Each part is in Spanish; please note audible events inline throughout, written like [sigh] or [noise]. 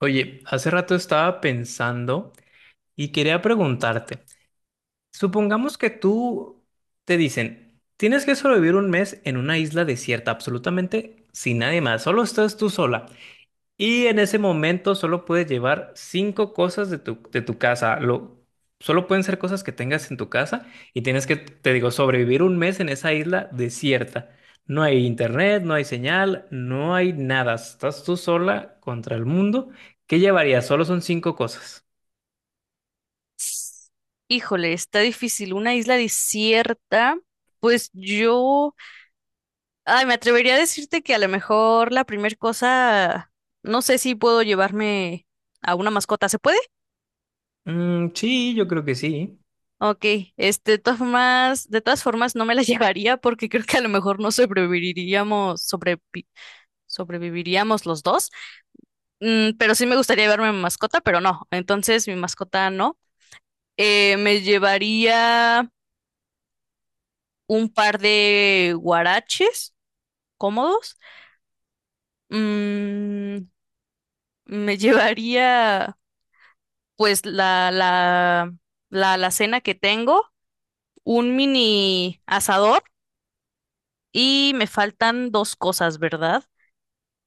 Oye, hace rato estaba pensando y quería preguntarte, supongamos que tú te dicen, tienes que sobrevivir un mes en una isla desierta, absolutamente sin nadie más, solo estás tú sola. Y en ese momento solo puedes llevar cinco cosas de tu casa. Solo pueden ser cosas que tengas en tu casa y tienes que, te digo, sobrevivir un mes en esa isla desierta. No hay internet, no hay señal, no hay nada. Estás tú sola contra el mundo. ¿Qué llevarías? Solo son cinco cosas. Híjole, está difícil. Una isla desierta, pues yo, ay, me atrevería a decirte que a lo mejor la primera cosa, no sé si puedo llevarme a una mascota. ¿Se puede? Mm, sí, yo creo que sí. Ok, este, de todas formas no me la [laughs] llevaría porque creo que a lo mejor no sobreviviríamos, sobreviviríamos los dos. Pero sí me gustaría llevarme mi mascota, pero no. Entonces mi mascota no. Me llevaría un par de guaraches cómodos. Mm, Me [laughs] llevaría pues la alacena que tengo, un mini asador y me faltan dos cosas, ¿verdad?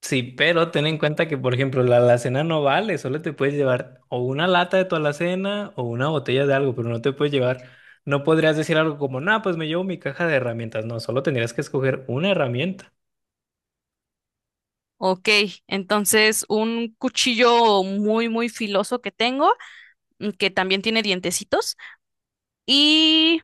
Sí, pero ten en cuenta que, por ejemplo, la alacena no vale, solo te puedes llevar o una lata de tu alacena o una botella de algo, pero no te puedes llevar, no podrías decir algo como, no, pues me llevo mi caja de herramientas, no, solo tendrías que escoger una herramienta, Ok, entonces un cuchillo muy, muy filoso que tengo, que también tiene dientecitos y,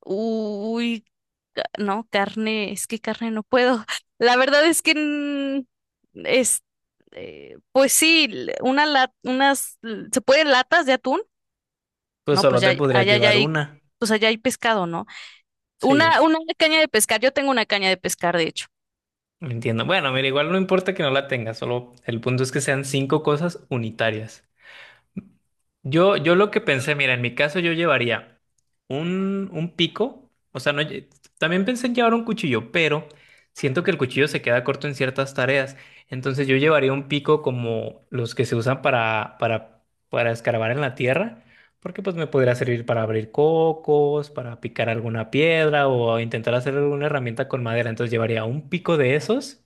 uy, no, carne, es que carne no puedo. [laughs] La verdad es que es, pues sí, l- una la- unas, l- ¿se pueden latas de atún? pues No, pues solo ya, te podrías llevar una, pues allá hay pescado, ¿no? Una, sí, una caña de pescar, yo tengo una caña de pescar, de hecho. entiendo. Bueno, mira, igual no importa que no la tengas, solo el punto es que sean cinco cosas unitarias. Yo lo que pensé, mira, en mi caso yo llevaría un pico, o sea, no, también pensé en llevar un cuchillo, pero siento que el cuchillo se queda corto en ciertas tareas, entonces yo llevaría un pico como los que se usan para, escarbar en la tierra, porque pues me podría servir para abrir cocos, para picar alguna piedra o intentar hacer alguna herramienta con madera, entonces llevaría un pico de esos,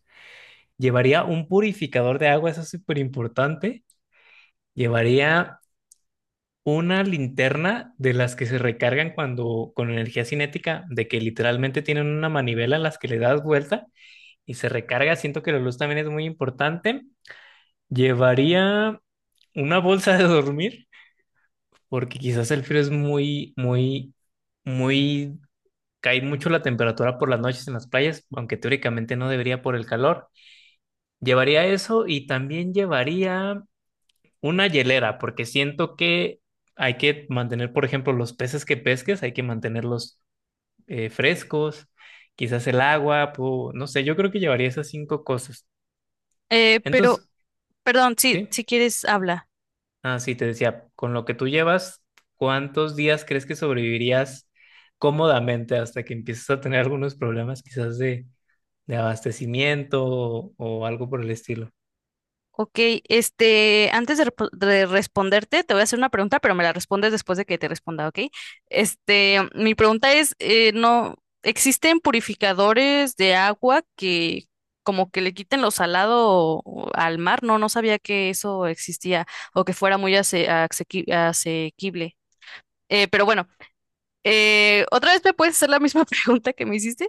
llevaría un purificador de agua, eso es súper importante. Llevaría una linterna de las que se recargan cuando con energía cinética, de que literalmente tienen una manivela a las que le das vuelta y se recarga. Siento que la luz también es muy importante. Llevaría una bolsa de dormir, porque quizás el frío es muy, muy, muy, cae mucho la temperatura por las noches en las playas, aunque teóricamente no debería por el calor. Llevaría eso y también llevaría una hielera, porque siento que hay que mantener, por ejemplo, los peces que pesques, hay que mantenerlos frescos, quizás el agua, no sé, yo creo que llevaría esas cinco cosas. Eh, pero, Entonces, Perdón, sí, ¿sí? si quieres, habla. Ah, sí, te decía, con lo que tú llevas, ¿cuántos días crees que sobrevivirías cómodamente hasta que empieces a tener algunos problemas quizás de abastecimiento o algo por el estilo? Ok, este, antes de responderte, te voy a hacer una pregunta, pero me la respondes después de que te responda, ¿ok? Este, mi pregunta es, no, ¿existen purificadores de agua que como que le quiten lo salado al mar? No, no sabía que eso existía o que fuera muy asequible. Pero bueno, ¿otra vez me puedes hacer la misma [laughs] pregunta que me hiciste?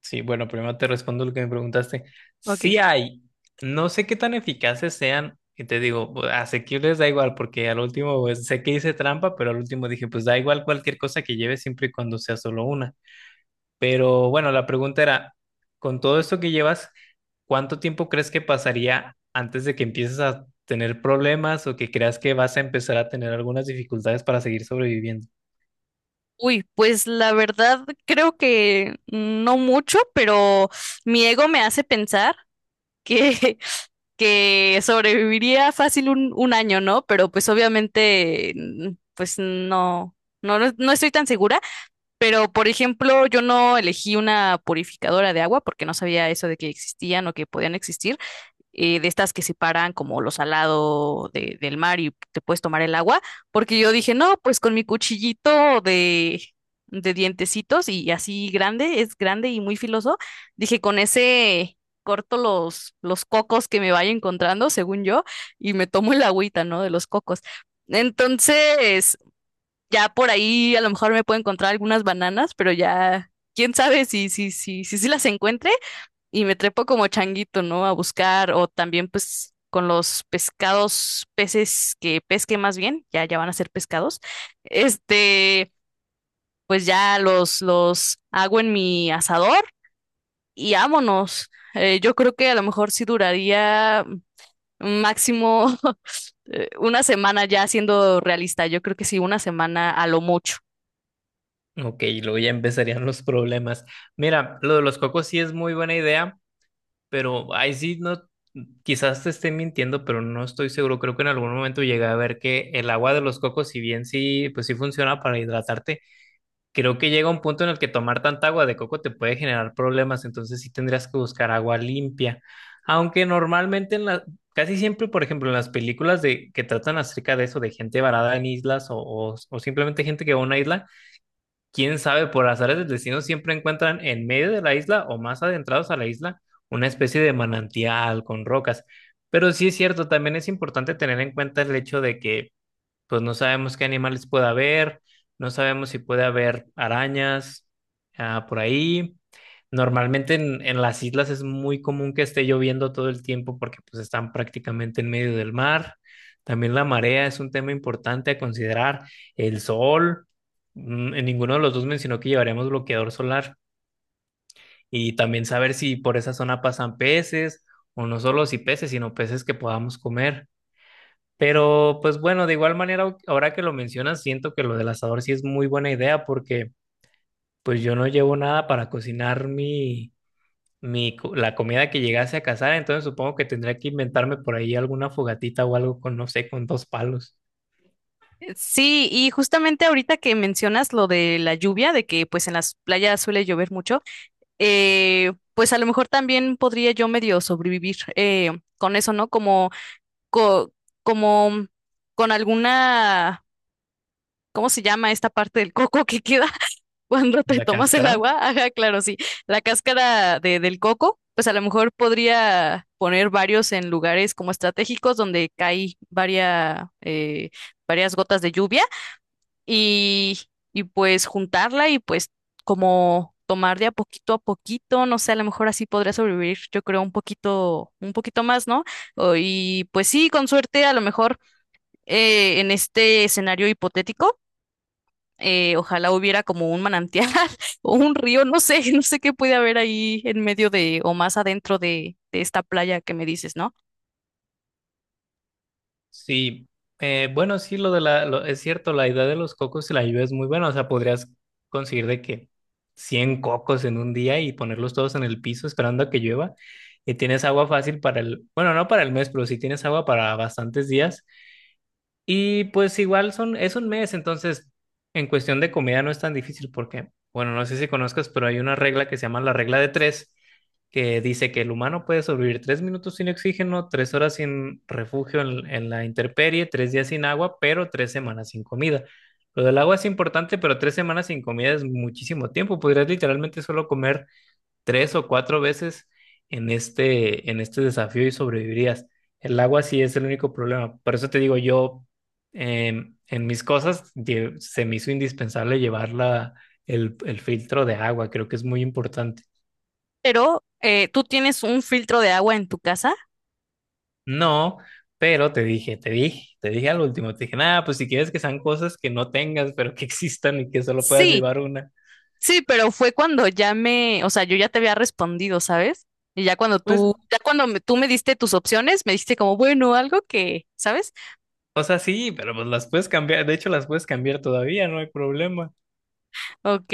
Sí, bueno, primero te respondo lo que me preguntaste. Ok. Sí hay, no sé qué tan eficaces sean, y te digo, asequibles da igual, porque al último pues, sé que hice trampa, pero al último dije, pues da igual cualquier cosa que lleves siempre y cuando sea solo una. Pero bueno, la pregunta era, con todo esto que llevas, ¿cuánto tiempo crees que pasaría antes de que empieces a tener problemas o que creas que vas a empezar a tener algunas dificultades para seguir sobreviviendo? Uy, pues la verdad creo que no mucho, pero mi ego me hace pensar que, [laughs] que sobreviviría fácil un año, ¿no? Pero pues obviamente, pues no, no, no no estoy tan segura. Pero por ejemplo, yo no elegí una purificadora de agua porque no sabía eso de que existían o que podían existir de estas que separan como lo salado del mar y te puedes tomar el agua, porque yo dije, no, pues con mi cuchillito de dientecitos y así grande, es grande y muy filoso, dije, con ese corto los cocos que me vaya encontrando, según yo, y me tomo el agüita, ¿no? De los cocos. Entonces, ya por ahí a lo mejor me puedo encontrar algunas bananas, pero ya, quién sabe si las encuentre y me trepo como changuito, ¿no? A buscar o también pues con los pescados, peces que pesque más bien, ya van a ser pescados. Este, pues ya los hago en mi asador y vámonos. Yo creo que a lo mejor sí duraría máximo [laughs] 1 semana ya siendo realista. Yo creo que sí, 1 semana a lo mucho. Ok, luego ya empezarían los problemas. Mira, lo de los cocos sí es muy buena idea, pero ahí sí no, quizás te esté mintiendo, pero no estoy seguro. Creo que en algún momento llegué a ver que el agua de los cocos, si bien sí, pues sí funciona para hidratarte, creo que llega un punto en el que tomar tanta agua de coco te puede generar problemas, entonces sí tendrías que buscar agua limpia. Aunque normalmente casi siempre, por ejemplo, en las películas de que tratan acerca de eso, de gente varada en islas o simplemente gente que va a una isla. Quién sabe, por azares del destino siempre encuentran en medio de la isla o más adentrados a la isla una especie de manantial con rocas. Pero sí es cierto, también es importante tener en cuenta el hecho de que pues no sabemos qué animales puede haber, no sabemos si puede haber arañas por ahí. Normalmente en las islas es muy común que esté lloviendo todo el tiempo porque pues están prácticamente en medio del mar. También la marea es un tema importante a considerar. El sol, en ninguno de los dos mencionó que llevaremos bloqueador solar y también saber si por esa zona pasan peces o no solo si peces, sino peces que podamos comer. Pero pues bueno, de igual manera, ahora que lo mencionas, siento que lo del asador sí es muy buena idea porque pues yo no llevo nada para cocinar mi, la comida que llegase a cazar, entonces supongo que tendría que inventarme por ahí alguna fogatita o algo con, no sé, con dos palos, Sí, y justamente ahorita que mencionas lo de la lluvia, de que pues en las playas suele llover mucho, pues a lo mejor también podría yo medio sobrevivir con eso, ¿no? Co- como con alguna, ¿cómo se llama esta parte del coco que queda [laughs] cuando te la tomas el cáscara. agua? Ajá, claro, sí. La cáscara del coco, pues a lo mejor podría poner varios en lugares como estratégicos donde cae varias gotas de lluvia y, y, pues juntarla y pues como tomar de a poquito, no sé, a lo mejor así podría sobrevivir, yo creo, un poquito más, ¿no? Y pues sí, con suerte, a lo mejor en este escenario hipotético, ojalá hubiera como un manantial [laughs] o un río, no sé, [laughs] no sé qué puede haber ahí en medio de o más adentro de esta playa que me dices, ¿no? Sí, bueno, sí, lo de la, lo- es cierto, la idea de los cocos y la lluvia es muy buena, o sea, podrías conseguir de que 100 cocos en un día y ponerlos todos en el piso esperando a que llueva y tienes agua fácil para el, bueno, no para el mes, pero sí tienes agua para bastantes días y pues igual son, es un mes, entonces en cuestión de comida no es tan difícil porque, bueno, no sé si conozcas, pero hay una regla que se llama la regla de tres, que dice que el humano puede sobrevivir 3 minutos sin oxígeno, 3 horas sin refugio en la intemperie, 3 días sin agua, pero 3 semanas sin comida. Lo del agua es importante, pero 3 semanas sin comida es muchísimo tiempo. Podrías literalmente solo comer tres o cuatro veces en este desafío y sobrevivirías. El agua sí es el único problema. Por eso te digo, yo en mis cosas se me hizo indispensable llevar el filtro de agua. Creo que es muy importante. Pero ¿tú tienes un filtro de agua en tu casa? No, pero te dije, te dije, te dije al último, te dije, nada, pues si quieres que sean cosas que no tengas, pero que existan y que solo puedas Sí. llevar una. Sí, pero fue cuando ya me, o sea, yo ya te había respondido, ¿sabes? Y Pues, ya cuando tú me diste tus opciones, me diste como, bueno, algo que, ¿sabes? o sea, sí, pero pues las puedes cambiar. De hecho, las puedes cambiar todavía, no hay problema. Ok.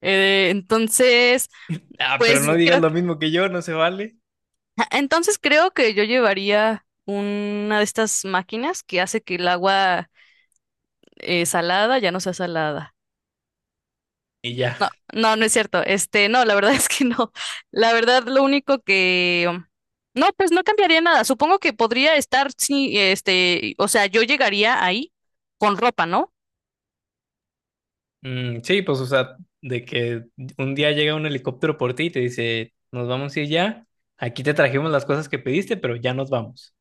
Entonces, Ah, pero pues no digas creo lo que, mismo que yo, no se vale. [laughs] entonces creo que yo llevaría una de estas máquinas que hace que el agua salada ya no sea salada. Y ya. No, no, no es cierto. Este, no, la verdad [laughs] es que no. La verdad, lo único que... um, no, pues no cambiaría nada. Supongo que podría estar, sí, este, o sea, yo llegaría ahí con ropa, ¿no? Mm, sí, pues, o sea, de que un día llega un helicóptero por ti y te dice, nos vamos a ir ya, aquí te trajimos las cosas que pediste, pero ya nos vamos.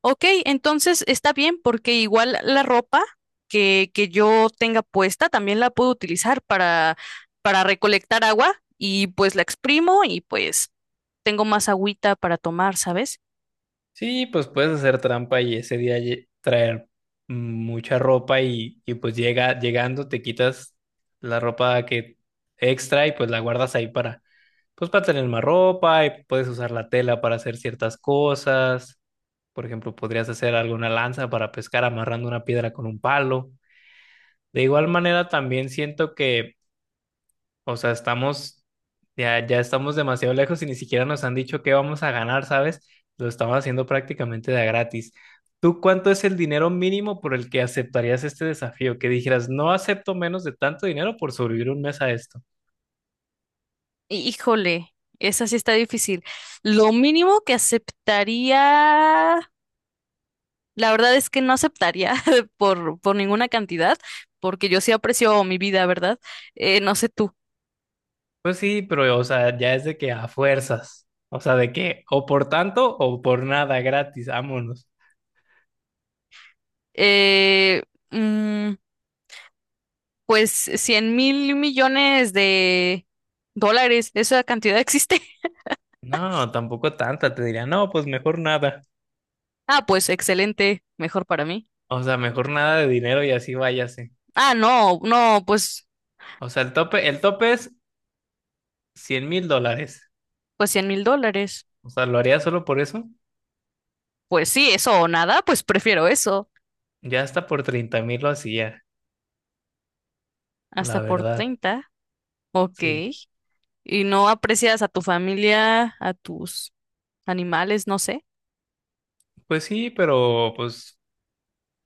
Ok, entonces está bien porque igual la ropa que yo tenga puesta también la puedo utilizar para recolectar agua y pues la exprimo y pues tengo más agüita para tomar, ¿sabes? Sí, pues puedes hacer trampa y ese día traer mucha ropa y pues llega, llegando te quitas la ropa que extra y pues la guardas ahí para, pues para tener más ropa y puedes usar la tela para hacer ciertas cosas. Por ejemplo, podrías hacer alguna lanza para pescar amarrando una piedra con un palo. De igual manera, también siento que, o sea, estamos, ya estamos demasiado lejos y ni siquiera nos han dicho qué vamos a ganar, ¿sabes? Lo estamos haciendo prácticamente de a gratis. ¿Tú cuánto es el dinero mínimo por el que aceptarías este desafío? Que dijeras, no acepto menos de tanto dinero por sobrevivir un mes a esto. Híjole, esa sí está difícil. Lo mínimo que aceptaría, la verdad es que no aceptaría [laughs] por ninguna cantidad, porque yo sí aprecio mi vida, ¿verdad? No sé tú. Pues sí, pero, o sea, ya es de que a fuerzas. O sea, de que o por tanto o por nada gratis, vámonos. Eh, mm, pues $100,000,000,000, ¿esa cantidad existe? [laughs] No, tampoco tanta, te diría, no, pues mejor nada. Ah, pues excelente, mejor para mí. O sea, mejor nada de dinero y así váyase. Ah, no, no, pues, O sea, el tope es $100,000. pues $100,000. O sea, lo haría solo por eso. Pues sí, eso o nada, pues prefiero eso. Ya hasta por 30,000 lo hacía, la Hasta por verdad. 30. Ok. Sí. Y no aprecias a tu familia, a tus animales, no sé. Pues sí, pero pues,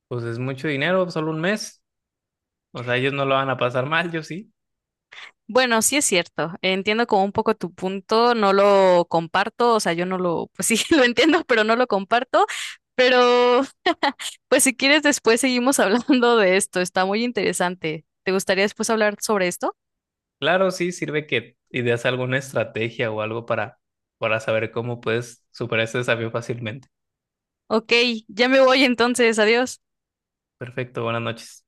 pues es mucho dinero, solo un mes. O sea, ellos no lo van a pasar mal, yo sí. Bueno, sí es cierto, entiendo como un poco tu punto, no lo comparto, o sea, yo no lo, pues sí, [laughs] lo entiendo, pero no lo comparto, pero pues si quieres después seguimos [laughs] hablando de esto, está muy interesante. ¿Te gustaría después hablar sobre esto? Claro, sí, sirve que ideas alguna estrategia o algo para, saber cómo puedes superar ese desafío fácilmente. Ok, ya me voy entonces, adiós. Perfecto, buenas noches.